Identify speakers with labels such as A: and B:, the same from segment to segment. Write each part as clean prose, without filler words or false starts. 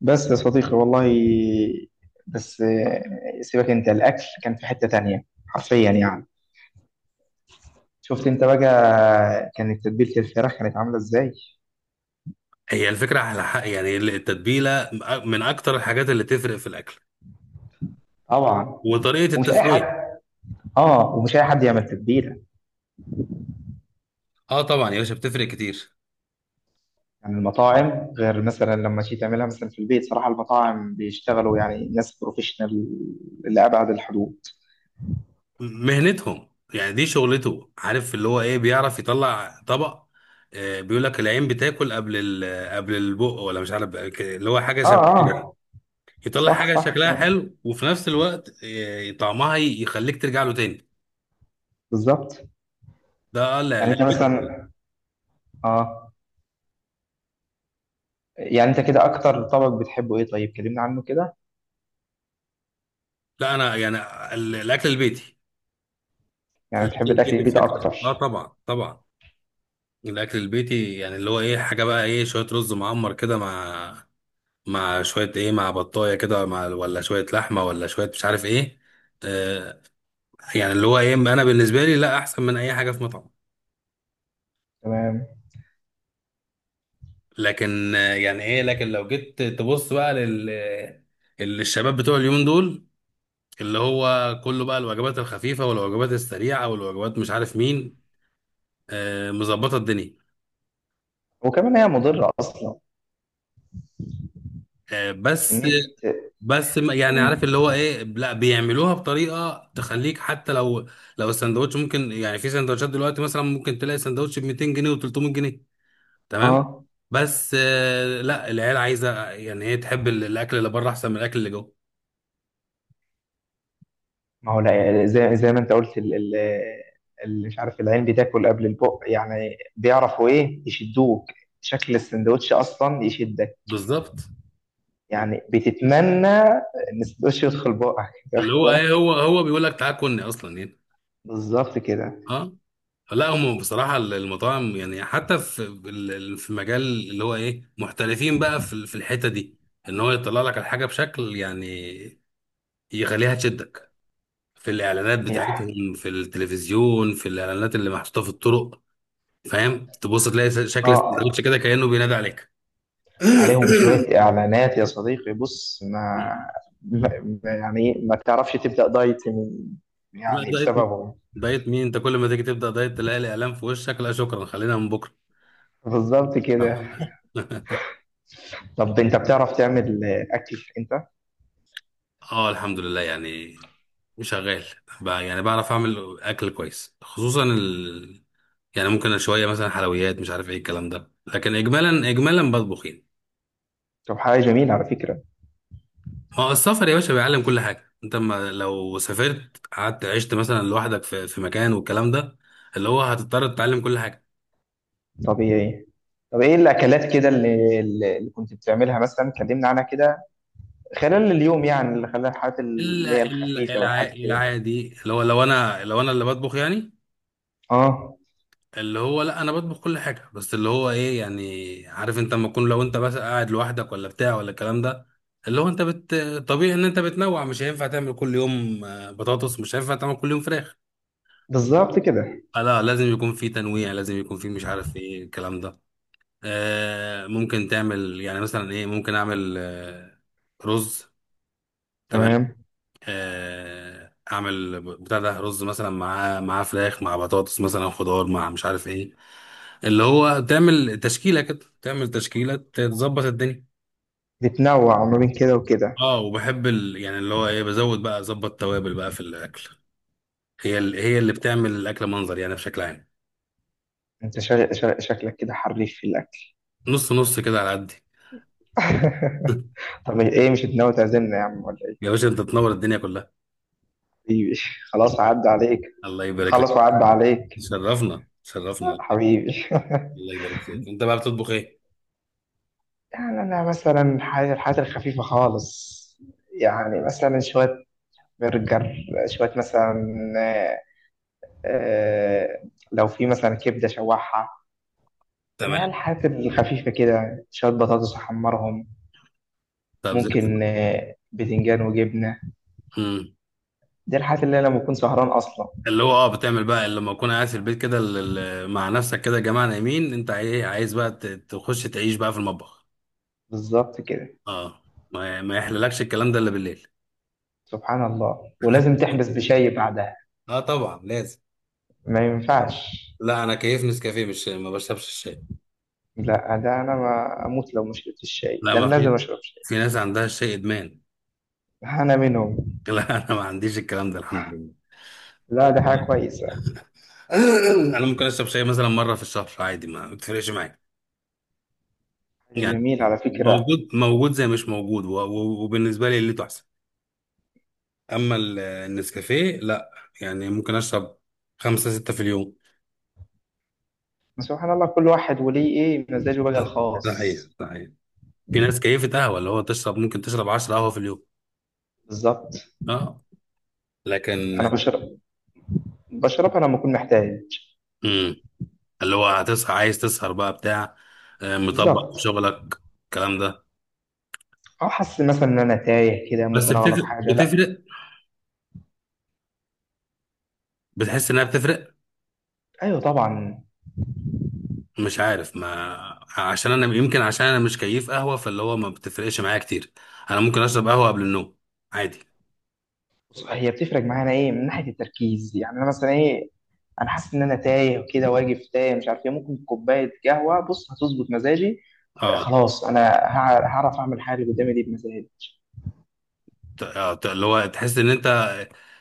A: بس يا صديقي والله بس سيبك انت الاكل كان في حتة تانية حرفيا يعني. شفت انت بقى، كانت تتبيلة الفراخ كانت عاملة ازاي؟
B: هي الفكرة على حق، يعني التتبيلة من أكتر الحاجات اللي تفرق في الأكل
A: طبعا.
B: وطريقة
A: ومش اي حد
B: التسوية.
A: اه ومش اي حد يعمل تتبيلة.
B: اه طبعا يا باشا، بتفرق كتير.
A: يعني المطاعم غير مثلا لما تيجي تعملها مثلا في البيت، صراحة المطاعم بيشتغلوا يعني ناس بروفيشنال لأبعد الحدود.
B: مهنتهم يعني دي شغلته، عارف اللي هو ايه، بيعرف يطلع طبق. بيقول لك العين بتاكل قبل قبل البق، ولا مش عارف اللي هو حاجة
A: اه،
B: شبه كده يعني.
A: اه،
B: يطلع
A: صح
B: حاجة
A: صح
B: شكلها
A: كلام،
B: حلو وفي نفس الوقت طعمها يخليك ترجع له تاني.
A: بالظبط.
B: ده لا
A: يعني
B: لا.
A: انت مثلا اه يعني انت كده اكتر طبق بتحبه ايه؟ طيب كلمنا عنه كده.
B: لا أنا يعني الأكل البيتي.
A: يعني
B: الأكل
A: بتحب الأكل
B: البيتي
A: البيت
B: بشكل
A: أكتر؟
B: طبعا طبعا. الاكل البيتي يعني اللي هو ايه، حاجه بقى ايه، شويه رز معمر كده مع شويه ايه، مع بطايه كده، مع ولا شويه لحمه، ولا شويه مش عارف ايه. آه يعني اللي هو ايه، انا بالنسبه لي لا احسن من اي حاجه في مطعم.
A: تمام.
B: لكن يعني ايه، لكن لو جيت تبص بقى لل الشباب بتوع اليومين دول، اللي هو كله بقى الوجبات الخفيفه والوجبات السريعه والوجبات مش عارف مين. مظبطه الدنيا.
A: وكمان هي مضرة أصلا،
B: بس.
A: كمية.
B: بس يعني عارف
A: مم.
B: اللي هو ايه، لا بيعملوها بطريقه تخليك حتى لو، لو السندوتش، ممكن يعني في سندوتشات دلوقتي، مثلا ممكن تلاقي سندوتش ب 200 جنيه و300 جنيه. تمام.
A: اه،
B: بس لا العيال عايزه، يعني هي تحب الاكل اللي بره احسن من الاكل اللي جوه.
A: ما هو لا، زي ما انت قلت اللي مش عارف، العين بتاكل قبل البق، يعني بيعرفوا ايه يشدوك. شكل السندوتش اصلا يشدك.
B: بالظبط.
A: يعني بتتمنى ان السندوتش يدخل بقك انت
B: اللي
A: واخد
B: هو ايه،
A: بالك؟
B: هو بيقول لك تعال كلني اصلا يعني.
A: بالظبط كده.
B: اه. لا هم بصراحه المطاعم، يعني حتى في في مجال اللي هو ايه، محترفين بقى في في الحته دي. ان هو يطلع لك الحاجه بشكل يعني يخليها تشدك. في الاعلانات
A: صحيح.
B: بتاعتهم في التلفزيون، في الاعلانات اللي محطوطه في الطرق. فاهم، تبص تلاقي شكل السندوتش
A: اه،
B: كده كانه بينادي عليك.
A: عليهم شوية إعلانات يا صديقي. بص، ما يعني ما تعرفش تبدأ دايت من،
B: لا
A: يعني
B: دايت مين،
A: بسببهم.
B: دايت مين. انت كل ما تيجي تبدا دايت تلاقي الاعلان في وشك. لا شكرا، خلينا من بكره.
A: بالظبط كده. طب أنت بتعرف تعمل أكل أنت؟
B: اه الحمد لله يعني، شغال بقى، يعني بعرف اعمل اكل كويس، خصوصا ال... يعني ممكن شويه مثلا حلويات مش عارف ايه الكلام ده، لكن اجمالا اجمالا بطبخ يعني.
A: طب، حاجة جميلة على فكرة.
B: اه السفر يا باشا بيعلم كل حاجة. انت ما لو سافرت قعدت عشت مثلا لوحدك في، في مكان والكلام ده، اللي هو هتضطر تتعلم كل حاجة.
A: طبيعي. طب إيه الأكلات كده اللي كنت بتعملها مثلا؟ كلمنا عنها كده، خلال اليوم، يعني اللي خلال الحاجات اللي هي
B: الا الا
A: الخفيفة والحاجات كده.
B: العادي، اللي هو لو انا، اللي بطبخ يعني،
A: آه،
B: اللي هو لا انا بطبخ كل حاجة. بس اللي هو ايه، يعني عارف انت لما تكون، لو انت بس قاعد لوحدك ولا بتاع ولا الكلام ده، اللي هو انت طبيعي ان انت بتنوع. مش هينفع تعمل كل يوم بطاطس، مش هينفع تعمل كل يوم فراخ.
A: بالظبط كده.
B: لا لازم يكون في تنويع، لازم يكون في مش عارف ايه الكلام ده. ممكن تعمل يعني مثلا ايه، ممكن اعمل رز. تمام.
A: تمام.
B: اعمل بتاع ده، رز مثلا مع فراخ، مع بطاطس، مثلا خضار، مع مش عارف ايه. اللي هو تعمل تشكيله كده، تعمل تشكيله، تظبط الدنيا.
A: بتنوع ما بين كده وكده.
B: اه وبحب ال... يعني اللي هو ايه، بزود بقى اظبط توابل بقى في الاكل. هي ال... هي اللي بتعمل الاكل منظر يعني بشكل عام.
A: أنت شكلك كده حريف في الأكل.
B: نص نص كده على قدي.
A: طب ايه، مش ناوي تعزمنا يا عم ولا
B: يا
A: ايه؟
B: باشا انت تنور الدنيا كلها.
A: حبيبي. خلاص، هعدي عليك.
B: الله يبارك لك.
A: نخلص وأعد عليك.
B: شرفنا شرفنا.
A: حبيبي.
B: الله يبارك فيك. انت بقى بتطبخ ايه؟
A: يعني أنا مثلا الحاجات الخفيفة خالص. يعني مثلا شوية برجر، شوية مثلا، آه، آه، لو في مثلا كبدة شوحها. اللي
B: تمام.
A: هي الحاجات الخفيفة كده، شوية بطاطس أحمرهم.
B: طب زي الفل.
A: ممكن بتنجان وجبنة.
B: امم.
A: دي الحاجات اللي أنا لما بكون سهران أصلا.
B: اللي هو اه بتعمل بقى لما اكون قاعد في البيت كده، مع نفسك كده، يا جماعه نايمين، انت عايز بقى تخش تعيش بقى في المطبخ.
A: بالظبط كده.
B: اه ما يحللكش الكلام ده الا بالليل.
A: سبحان الله، ولازم تحبس بشاي بعدها.
B: اه طبعا لازم.
A: ما ينفعش.
B: لا انا كيف نسكافيه، مش ما بشربش الشاي.
A: لا، ده انا ما اموت لو ما شربتش الشاي.
B: لا
A: ده انا
B: ما
A: لازم
B: في،
A: اشرب شاي.
B: في ناس عندها الشاي ادمان.
A: انا منهم.
B: لا انا ما عنديش الكلام ده الحمد لله.
A: لا، ده حاجه كويسه.
B: انا ممكن اشرب شاي مثلا مره في الشهر عادي، ما بتفرقش معايا.
A: حاجه جميله
B: يعني
A: على فكره.
B: موجود موجود زي مش موجود، وبالنسبه لي اللي تحسن. اما النسكافيه لا، يعني ممكن اشرب 5 6 في اليوم.
A: سبحان الله، كل واحد وليه ايه مزاجه بقى
B: ده
A: الخاص.
B: حقيقي ده حقيقي. في ناس كيفة قهوة، اللي هو تشرب ممكن تشرب 10 قهوة في اليوم.
A: بالظبط.
B: اه. لكن.
A: انا بشربها لما اكون محتاج.
B: امم. اللي هو هتصحى عايز تسهر بقى بتاع، مطبق في
A: بالظبط.
B: شغلك الكلام ده.
A: او حاسس مثلا ان انا تايه كده،
B: بس
A: ممكن اغلط
B: بتفرق
A: حاجه، لا.
B: بتفرق، بتحس انها بتفرق.
A: ايوه طبعا.
B: مش عارف، ما عشان انا يمكن عشان انا مش كيف قهوه، فاللي هو ما بتفرقش معايا كتير. انا ممكن اشرب قهوه قبل النوم عادي.
A: بص، هي بتفرق معانا ايه، من ناحيه التركيز يعني. انا مثلا ايه، انا حاسس ان انا تايه وكده، واقف تايه مش عارف ايه، ممكن كوبايه قهوه، بص هتظبط مزاجي.
B: اه
A: خلاص انا هعرف اعمل حاجه اللي قدامي دي بمزاجي.
B: اللي هو تحس ان انت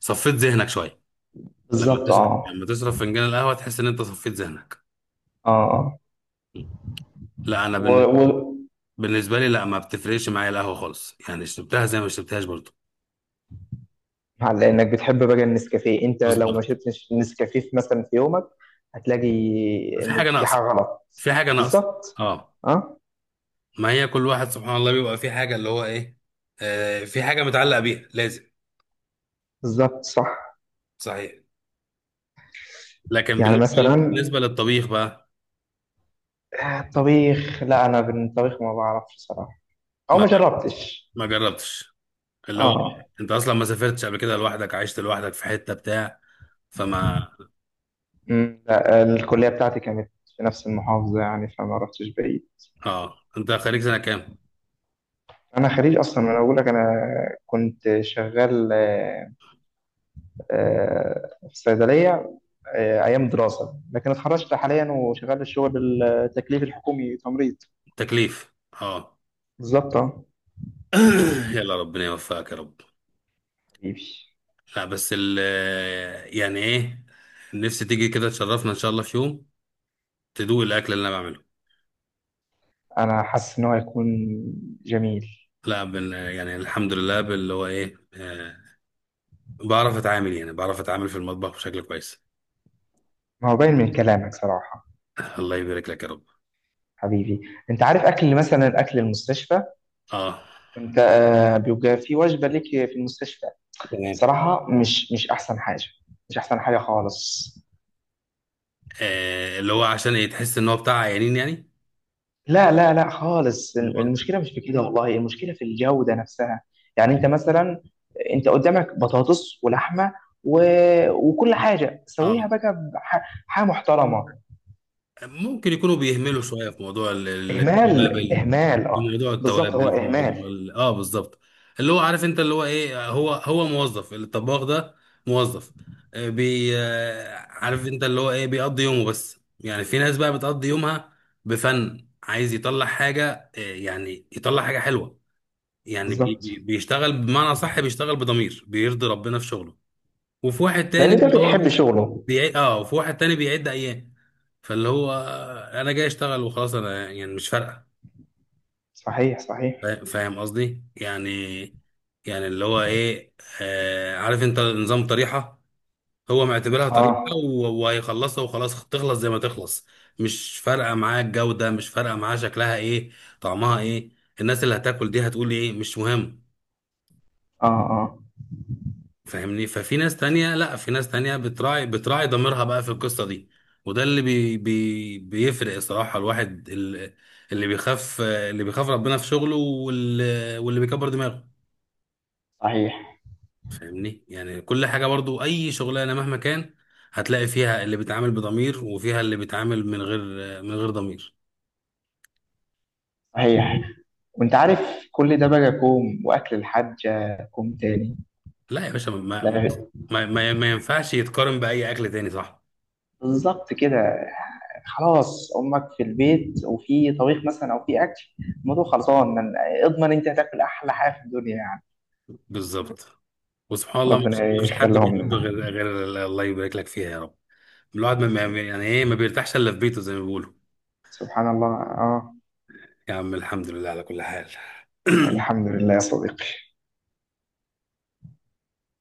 B: صفيت ذهنك شويه. لما
A: بالظبط.
B: تشرب،
A: اه،
B: لما تشرب فنجان القهوه، تحس ان انت صفيت ذهنك.
A: اه، آه.
B: لا انا
A: و... و...
B: بالنسبه لي لا، ما بتفرقش معايا القهوه خالص، يعني شربتها زي ما شربتهاش برضه.
A: على انك بتحب بقى النسكافيه، انت لو ما
B: بالظبط.
A: شربتش نسكافيه مثلا في يومك، هتلاقي
B: في
A: ان
B: حاجه
A: في حاجه
B: ناقصه.
A: غلط.
B: في حاجه ناقصه.
A: بالظبط.
B: اه.
A: اه،
B: ما هي كل واحد سبحان الله بيبقى في حاجه اللي هو ايه، في حاجه متعلق بيها لازم.
A: بالظبط صح.
B: صحيح. لكن
A: يعني
B: بالنسبه
A: مثلا،
B: بالنسبه للطبيخ بقى.
A: الطبيخ، لا انا بالطبيخ ما بعرفش صراحه، او
B: ما
A: ما جربتش.
B: ما جربتش. اللي هو
A: اه.
B: انت اصلا ما سافرتش قبل كده لوحدك، عشت لوحدك في حته بتاع، فما.
A: لا الكليه بتاعتي كانت في نفس المحافظه، يعني فما رحتش بعيد.
B: اه انت خريج سنه كام؟
A: انا خريج اصلا، ما انا بقول لك انا كنت شغال في صيدليه، ايام دراسه. لكن اتخرجت حاليا وشغال الشغل، التكليف الحكومي، تمريض.
B: تكليف. اه.
A: بالظبط. آه.
B: يلا ربنا يوفقك يا رب.
A: حبيبي.
B: لا بس ال، يعني ايه، نفسي تيجي كده تشرفنا ان شاء الله في يوم، تدوق الاكل اللي انا بعمله.
A: انا حاسس ان هو هيكون جميل.
B: لا بن يعني الحمد لله باللي هو ايه، بعرف اتعامل، يعني بعرف اتعامل في المطبخ بشكل كويس.
A: ما هو باين من كلامك صراحه.
B: الله يبارك لك يا رب.
A: حبيبي. انت عارف، اكل مثلا اكل المستشفى،
B: اه.
A: انت بيبقى في وجبه ليك في المستشفى.
B: تمام.
A: صراحة مش أحسن حاجة، مش أحسن حاجة خالص.
B: اللي هو عشان يتحس ان هو بتاع عيانين يعني.
A: لا، لا، لا خالص.
B: مو-
A: المشكلة مش في كده، والله، المشكلة في الجودة نفسها. يعني أنت مثلا، أنت قدامك بطاطس ولحمة، و... وكل حاجة
B: اه
A: سويها بقى حاجة محترمة.
B: ممكن يكونوا بيهملوا شويه في موضوع
A: إهمال،
B: التوابل.
A: إهمال،
B: في
A: أه
B: موضوع
A: بالظبط هو
B: التوابل، في موضوع
A: إهمال.
B: ال... اه بالظبط. اللي هو عارف انت اللي هو ايه، هو موظف، الطباخ ده موظف. آه، بي آه، عارف انت اللي هو ايه، بيقضي يومه بس. يعني في ناس بقى بتقضي يومها بفن، عايز يطلع حاجه يعني يطلع حاجه حلوه. يعني
A: بالظبط.
B: بيشتغل بمعنى صح، بيشتغل بضمير، بيرضي ربنا في شغله. وفي واحد تاني
A: لأن ده
B: اللي هو
A: بيحب شغله.
B: بيعد. اه وفي واحد تاني بيعد ايام، فاللي هو انا جاي اشتغل وخلاص، انا يعني مش فارقه.
A: صحيح، صحيح.
B: فاهم قصدي يعني. يعني اللي هو ايه، عارف انت نظام طريحه، هو معتبرها طريحه،
A: أه،
B: وهيخلصها وخلاص، تخلص زي ما تخلص. مش فارقه معاه الجوده، مش فارقه معاه شكلها ايه، طعمها ايه، الناس اللي هتاكل دي هتقول ايه، مش مهم.
A: أه، أه.
B: فاهمني. ففي ناس تانية لا، في ناس تانية بتراعي، بتراعي ضميرها بقى في القصة دي. وده اللي بي بي بيفرق الصراحة. الواحد اللي بيخاف، اللي بيخاف ربنا في شغله، واللي بيكبر دماغه.
A: صحيح،
B: فاهمني يعني كل حاجة برضو، أي شغلانة مهما كان، هتلاقي فيها اللي بيتعامل بضمير، وفيها اللي بيتعامل من غير، من غير ضمير.
A: صحيح. وأنت عارف، كل ده بقى كوم، وأكل الحاجة كوم تاني.
B: لا يا باشا
A: لا.
B: ما ينفعش يتقارن بأي أكل تاني، صح.
A: بالظبط كده. خلاص، امك في البيت وفي طبيخ مثلا او في اكل، الموضوع خلصان من، اضمن انت هتاكل احلى حاجه في الدنيا يعني.
B: بالظبط. وسبحان الله مفيش،
A: ربنا
B: مفيش حد
A: يخليهم
B: بيحب
A: لنا.
B: غير، غير الله يبارك لك فيها يا رب. الواحد يعني ايه، ما بيرتاحش الا في بيته زي ما بيقولوا.
A: سبحان الله. اه،
B: يا عم الحمد لله على كل حال.
A: الحمد لله يا صديقي.